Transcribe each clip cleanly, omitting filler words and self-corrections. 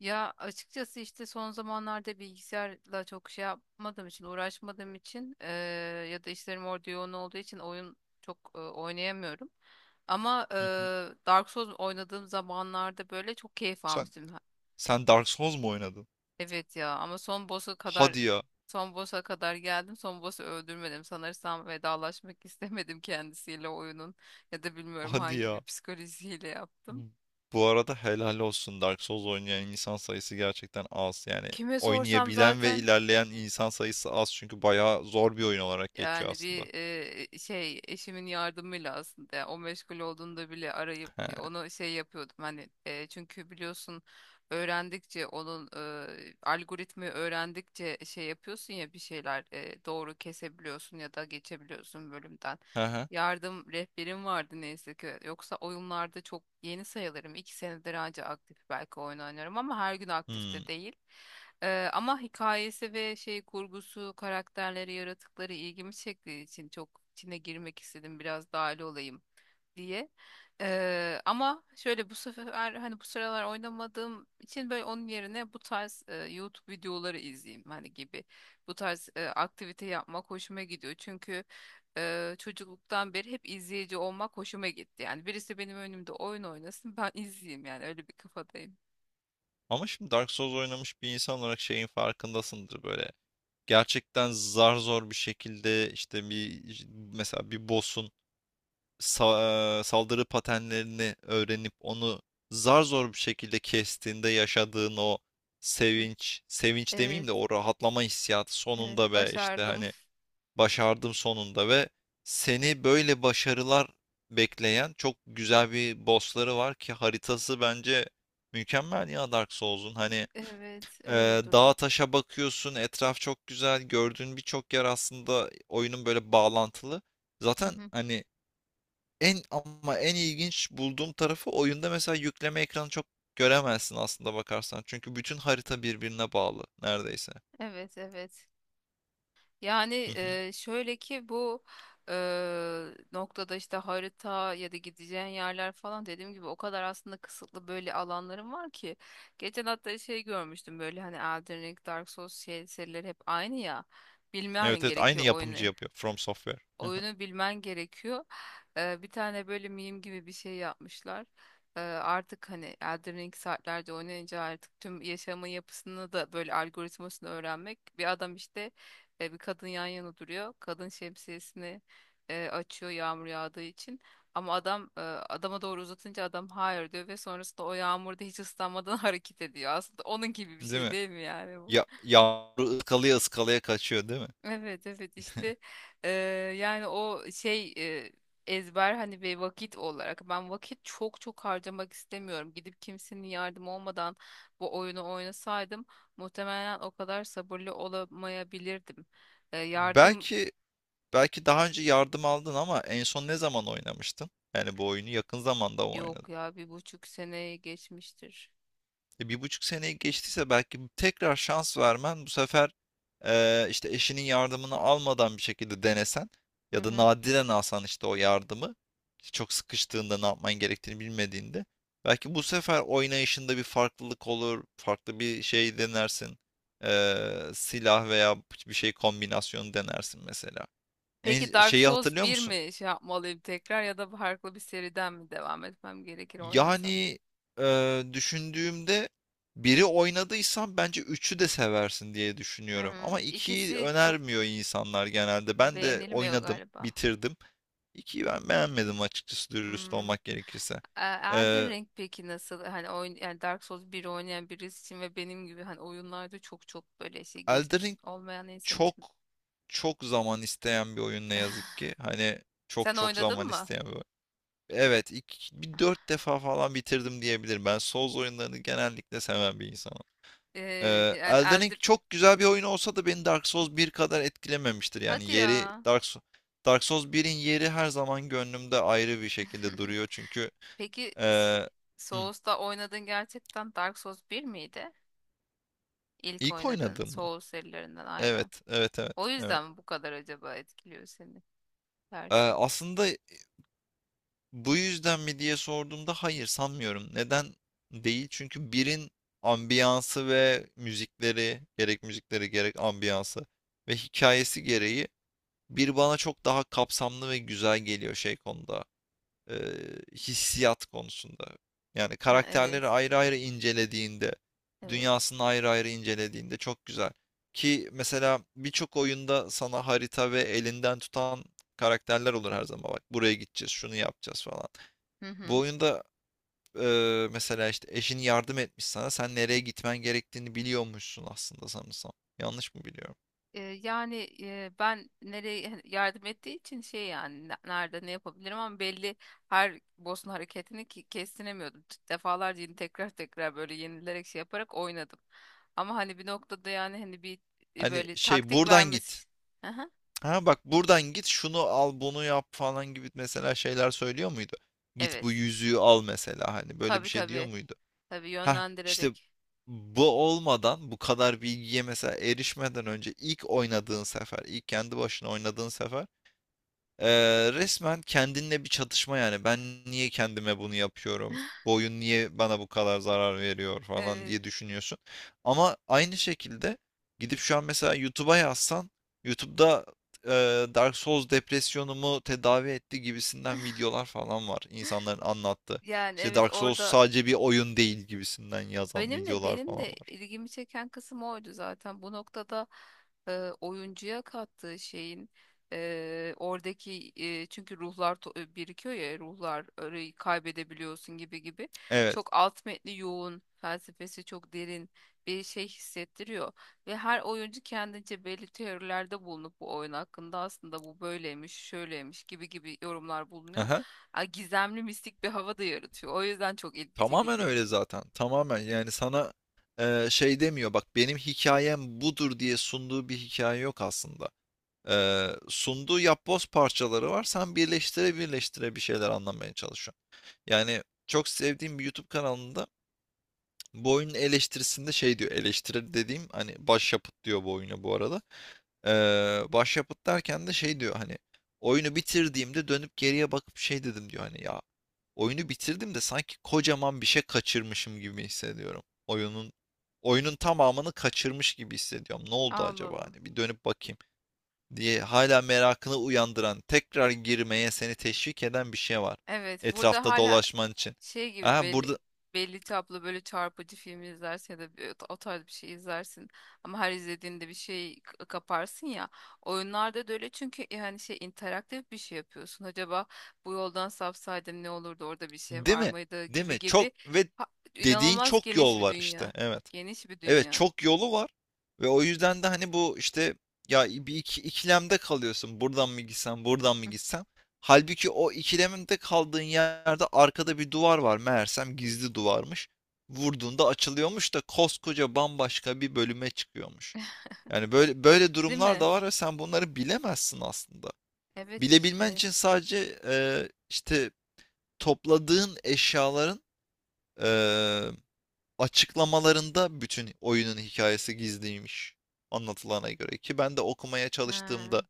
Ya, açıkçası işte son zamanlarda bilgisayarla çok şey yapmadığım için, uğraşmadığım için ya da işlerim orada yoğun olduğu için oyun çok oynayamıyorum. Ama Hı hı. Dark Souls oynadığım zamanlarda böyle çok keyif Sen almıştım. Sen Dark Souls mu oynadın? Evet ya, ama Hadi ya, son boss'a kadar geldim. Son boss'u öldürmedim. Sanırsam vedalaşmak istemedim kendisiyle oyunun ya da bilmiyorum hadi hangi ya. bir psikolojiyle yaptım. Hmm. Bu arada helal olsun Dark Souls oynayan insan sayısı gerçekten az. Yani Kime sorsam oynayabilen ve zaten. ilerleyen insan sayısı az, çünkü bayağı zor bir oyun olarak geçiyor Yani aslında. bir şey eşimin yardımıyla aslında, yani o meşgul olduğunda bile arayıp He, onu şey yapıyordum hani, çünkü biliyorsun, öğrendikçe onun algoritmi öğrendikçe şey yapıyorsun ya, bir şeyler doğru kesebiliyorsun ya da geçebiliyorsun bölümden. he, he. Yardım rehberim vardı neyse ki. Yoksa oyunlarda çok yeni sayılırım. İki senedir anca aktif belki oyun oynarım, ama her gün aktif Hmm. de değil. Ama hikayesi ve şey kurgusu, karakterleri, yaratıkları ilgimi çektiği için çok içine girmek istedim. Biraz dahil olayım diye. Ama şöyle, bu sefer hani bu sıralar oynamadığım için böyle onun yerine bu tarz YouTube videoları izleyeyim hani gibi. Bu tarz aktivite yapmak hoşuma gidiyor. Çünkü çocukluktan beri hep izleyici olmak hoşuma gitti. Yani birisi benim önümde oyun oynasın, ben izleyeyim, yani öyle bir kafadayım. Ama şimdi Dark Souls oynamış bir insan olarak şeyin farkındasındır böyle. Gerçekten zar zor bir şekilde işte bir, mesela bir boss'un saldırı patenlerini öğrenip onu zar zor bir şekilde kestiğinde yaşadığın o Hı. sevinç, sevinç demeyeyim Evet, de o rahatlama hissiyatı evet, sonunda ve işte başardım. hani başardım sonunda, ve seni böyle başarılar bekleyen çok güzel bir bossları var ki haritası bence mükemmel ya Dark Souls'un. Hani Evet, e, öyle dağa duruyor. taşa bakıyorsun, etraf çok güzel, gördüğün birçok yer aslında oyunun böyle bağlantılı. Hı Zaten hı. hani en ama en ilginç bulduğum tarafı oyunda mesela yükleme ekranı çok göremezsin aslında bakarsan. Çünkü bütün harita birbirine bağlı neredeyse. Evet, evet. Yani, Hı hı. Şöyle ki bu eee, noktada işte harita ya da gideceğin yerler falan, dediğim gibi o kadar aslında kısıtlı böyle alanlarım var ki. Geçen hatta şey görmüştüm böyle, hani Elden Ring, Dark Souls şey, serileri hep aynı ya. Bilmen Evet, evet, aynı gerekiyor oyunu. yapımcı yapıyor, From Software. Hı hı. Oyunu bilmen gerekiyor. Bir tane böyle meme gibi bir şey yapmışlar. Artık hani Elden Ring saatlerce oynayınca artık tüm yaşamın yapısını da böyle algoritmasını öğrenmek. Bir adam işte bir kadın yan yana duruyor. Kadın şemsiyesini açıyor yağmur yağdığı için. Ama adam adama doğru uzatınca adam hayır diyor ve sonrasında o yağmurda hiç ıslanmadan hareket ediyor. Aslında onun gibi bir Değil şey mi? değil mi yani bu? Ya yavru ıskalaya ıskalaya kaçıyor değil mi? Evet, evet, işte eee, yani o şey ezber hani bir vakit olarak ben çok çok harcamak istemiyorum. Gidip kimsenin yardım olmadan bu oyunu oynasaydım muhtemelen o kadar sabırlı olamayabilirdim. Yardım, Belki belki daha önce yardım aldın, ama en son ne zaman oynamıştın? Yani bu oyunu yakın zamanda mı oynadın? yok ya, bir buçuk seneye geçmiştir. E, bir buçuk seneyi geçtiyse belki tekrar şans vermen bu sefer, işte eşinin yardımını almadan bir şekilde denesen, Hı ya da hı. nadiren alsan işte o yardımı, işte çok sıkıştığında ne yapman gerektiğini bilmediğinde, belki bu sefer oynayışında bir farklılık olur, farklı bir şey denersin. Silah veya bir şey kombinasyonu denersin mesela. Peki En, Dark şeyi Souls hatırlıyor bir musun? mi şey yapmalıyım tekrar ya da farklı bir seriden mi devam etmem gerekir oynasam? Yani, düşündüğümde, biri oynadıysan bence üçü de seversin diye düşünüyorum, Hmm, ama ikiyi ikisi çok önermiyor insanlar genelde. Ben de beğenilmiyor oynadım, galiba. bitirdim. 2'yi ben beğenmedim açıkçası, dürüst Hmm. olmak gerekirse. E, Elden Eee, Ring peki nasıl hani oyun, yani Dark Souls 1 oynayan birisi için ve benim gibi hani oyunlarda çok çok böyle şey Elden geçmiş Ring olmayan insan çok, için. çok zaman isteyen bir oyun ne yazık ki. Hani çok Sen çok oynadın zaman mı? isteyen bir oyun. Evet, ilk bir 4 defa falan bitirdim diyebilirim. Ben Souls oyunlarını genellikle seven bir insanım. E, yani Elden Ring Elden. çok güzel bir oyun olsa da beni Dark Souls bir kadar etkilememiştir. Yani Hadi yeri ya. Dark Souls 1'in yeri her zaman gönlümde ayrı bir şekilde duruyor. Çünkü Peki ee, hı, Souls'ta oynadığın gerçekten Dark Souls bir miydi? İlk ilk oynadığın oynadığım mı? Souls serilerinden Evet, aynen. evet, evet, O evet. yüzden mi bu kadar acaba etkiliyor seni dersin? Aslında bu yüzden mi diye sorduğumda hayır, sanmıyorum. Neden değil? Çünkü birin ambiyansı ve müzikleri, gerek müzikleri gerek ambiyansı ve hikayesi gereği bir bana çok daha kapsamlı ve güzel geliyor şey konuda, e, hissiyat konusunda. Yani Ha, karakterleri evet. ayrı ayrı incelediğinde, Evet. dünyasını ayrı ayrı incelediğinde çok güzel. Ki mesela birçok oyunda sana harita ve elinden tutan karakterler olur her zaman. Bak buraya gideceğiz, şunu yapacağız falan. Hı Bu hı. oyunda mesela işte eşin yardım etmiş sana. Sen nereye gitmen gerektiğini biliyormuşsun aslında sanırsam. Yanlış mı biliyorum? E, yani, ben nereye yani yardım ettiği için şey, yani nerede ne yapabilirim, ama belli her boss'un hareketini ki kestiremiyordum. Defalarca yine tekrar tekrar böyle yenilerek şey yaparak oynadım. Ama hani bir noktada yani hani bir Hani böyle şey taktik buradan git. vermesi. Aha, Ha bak buradan git, şunu al bunu yap falan gibi mesela şeyler söylüyor muydu? Git bu evet. yüzüğü al mesela, hani böyle bir Tabii, şey diyor tabii. muydu? Tabii, Ha işte yönlendirerek. bu olmadan, bu kadar bilgiye mesela erişmeden önce, ilk oynadığın sefer, ilk kendi başına oynadığın sefer, resmen kendinle bir çatışma yani. Ben niye kendime bunu yapıyorum? Bu oyun niye bana bu kadar zarar veriyor falan Evet. diye düşünüyorsun. Ama aynı şekilde gidip şu an mesela YouTube'a yazsan, YouTube'da e, Dark Souls depresyonumu tedavi etti gibisinden videolar falan var. İnsanların anlattığı. Yani İşte evet Dark Souls orada. sadece bir oyun değil gibisinden yazan videolar Benim falan de var. ilgimi çeken kısım oydu zaten. Bu noktada oyuncuya kattığı şeyin oradaki çünkü ruhlar birikiyor ya ruhlar, orayı kaybedebiliyorsun gibi gibi. Evet. Çok alt metni yoğun, felsefesi çok derin bir şey hissettiriyor ve her oyuncu kendince belli teorilerde bulunup bu oyun hakkında aslında bu böyleymiş, şöyleymiş gibi gibi yorumlar bulunuyor. Aha. Ha, gizemli mistik bir hava da yaratıyor. O yüzden çok ilgi Tamamen çekici. öyle zaten. Tamamen yani sana şey demiyor bak, benim hikayem budur diye sunduğu bir hikaye yok aslında. Sunduğu yapboz parçaları var. Sen birleştire birleştire bir şeyler anlamaya çalışıyorsun. Yani çok sevdiğim bir YouTube kanalında bu oyunun eleştirisinde şey diyor. Eleştirir dediğim, hani başyapıt diyor bu oyuna bu arada. Başyapıt derken de şey diyor hani, oyunu bitirdiğimde dönüp geriye bakıp şey dedim diyor hani, ya oyunu bitirdim de sanki kocaman bir şey kaçırmışım gibi hissediyorum. Oyunun tamamını kaçırmış gibi hissediyorum. Ne oldu Allah acaba, Allah. hani bir dönüp bakayım diye hala merakını uyandıran, tekrar girmeye seni teşvik eden bir şey var. Evet, burada Etrafta hala dolaşman için. şey gibi Ha belli, burada, belli tablo, böyle çarpıcı film izlersin ya da o tarz bir şey izlersin, ama her izlediğinde bir şey kaparsın ya, oyunlarda da öyle, çünkü yani şey, interaktif bir şey yapıyorsun: acaba bu yoldan sapsaydım ne olurdu, orada bir şey değil var mi? mıydı Değil gibi mi? Çok, gibi. ve Ha- dediğin inanılmaz çok geniş yol bir var işte. Evet. geniş bir Evet, dünya. çok yolu var, ve o yüzden de hani bu işte, ya bir iki, ikilemde kalıyorsun. Buradan mı gitsem, buradan mı Hı. gitsem? Halbuki o ikilemde kaldığın yerde arkada bir duvar var. Meğersem gizli duvarmış. Vurduğunda açılıyormuş da koskoca bambaşka bir bölüme çıkıyormuş. Yani böyle böyle Değil durumlar mi? da var ve sen bunları bilemezsin aslında. Evet Bilebilmen işte. için sadece işte topladığın eşyaların e, açıklamalarında bütün oyunun hikayesi gizliymiş, anlatılana göre, ki ben de okumaya Ha. çalıştığımda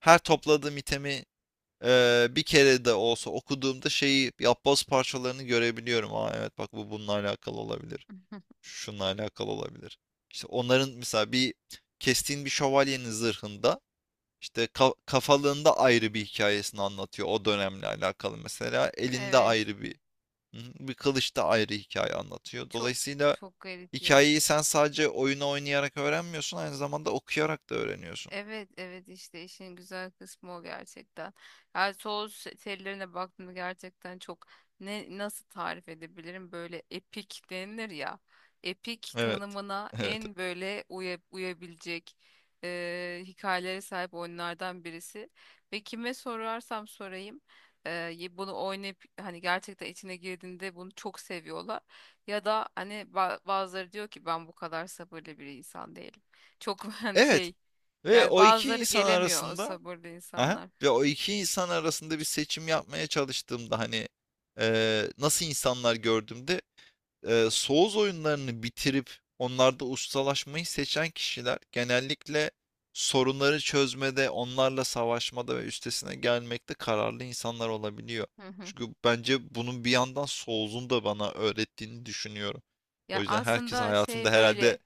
her topladığım itemi bir kere de olsa okuduğumda şeyi, yapboz parçalarını görebiliyorum. Aa evet, bak bu bununla alakalı olabilir. Şununla alakalı olabilir. İşte onların mesela bir, kestiğin bir şövalyenin zırhında işte kafalığında ayrı bir hikayesini anlatıyor o dönemle alakalı, mesela elinde Evet, ayrı bir kılıçta ayrı hikaye anlatıyor. çok Dolayısıyla çok garip ya. hikayeyi sen sadece oyunu oynayarak öğrenmiyorsun, aynı zamanda okuyarak da öğreniyorsun. Evet, evet, işte işin güzel kısmı o gerçekten. Yani sos tellerine baktığımda gerçekten çok, ne nasıl tarif edebilirim, böyle epik denilir ya. Epik Evet. tanımına Evet. en böyle uyabilecek hikayelere sahip oyunlardan birisi. Ve kime sorarsam sorayım bunu oynayıp hani gerçekten içine girdiğinde bunu çok seviyorlar. Ya da hani bazıları diyor ki, ben bu kadar sabırlı bir insan değilim. Çok hani Evet, şey, ve yani o iki bazıları insan gelemiyor o arasında sabırlı aha, insanlar. ve o iki insan arasında bir seçim yapmaya çalıştığımda hani nasıl insanlar gördüğümde, Souls oyunlarını bitirip onlarda ustalaşmayı seçen kişiler genellikle sorunları çözmede, onlarla savaşmada ve üstesine gelmekte kararlı insanlar olabiliyor. Hı hı. Çünkü bence bunun bir yandan Souls'un da bana öğrettiğini düşünüyorum. O Ya, yüzden herkes aslında hayatında şey, herhalde böyle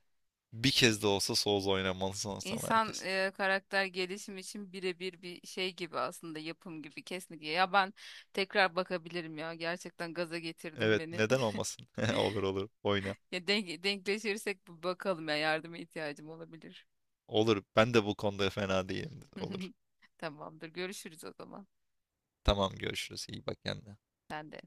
bir kez de olsa Souls oynamalı sanırsam, insan herkes. Karakter gelişimi için birebir bir şey gibi aslında, yapım gibi kesinlikle. Ya, ben tekrar bakabilirim ya, gerçekten gaza getirdim Evet, beni. neden olmasın? Olur olur, oyna. Ya, denkleşirsek bir bakalım ya, yardıma ihtiyacım olabilir. Olur. Ben de bu konuda fena değilim. Olur. Tamamdır, görüşürüz o zaman. Tamam, görüşürüz. İyi bak kendine. Sen de.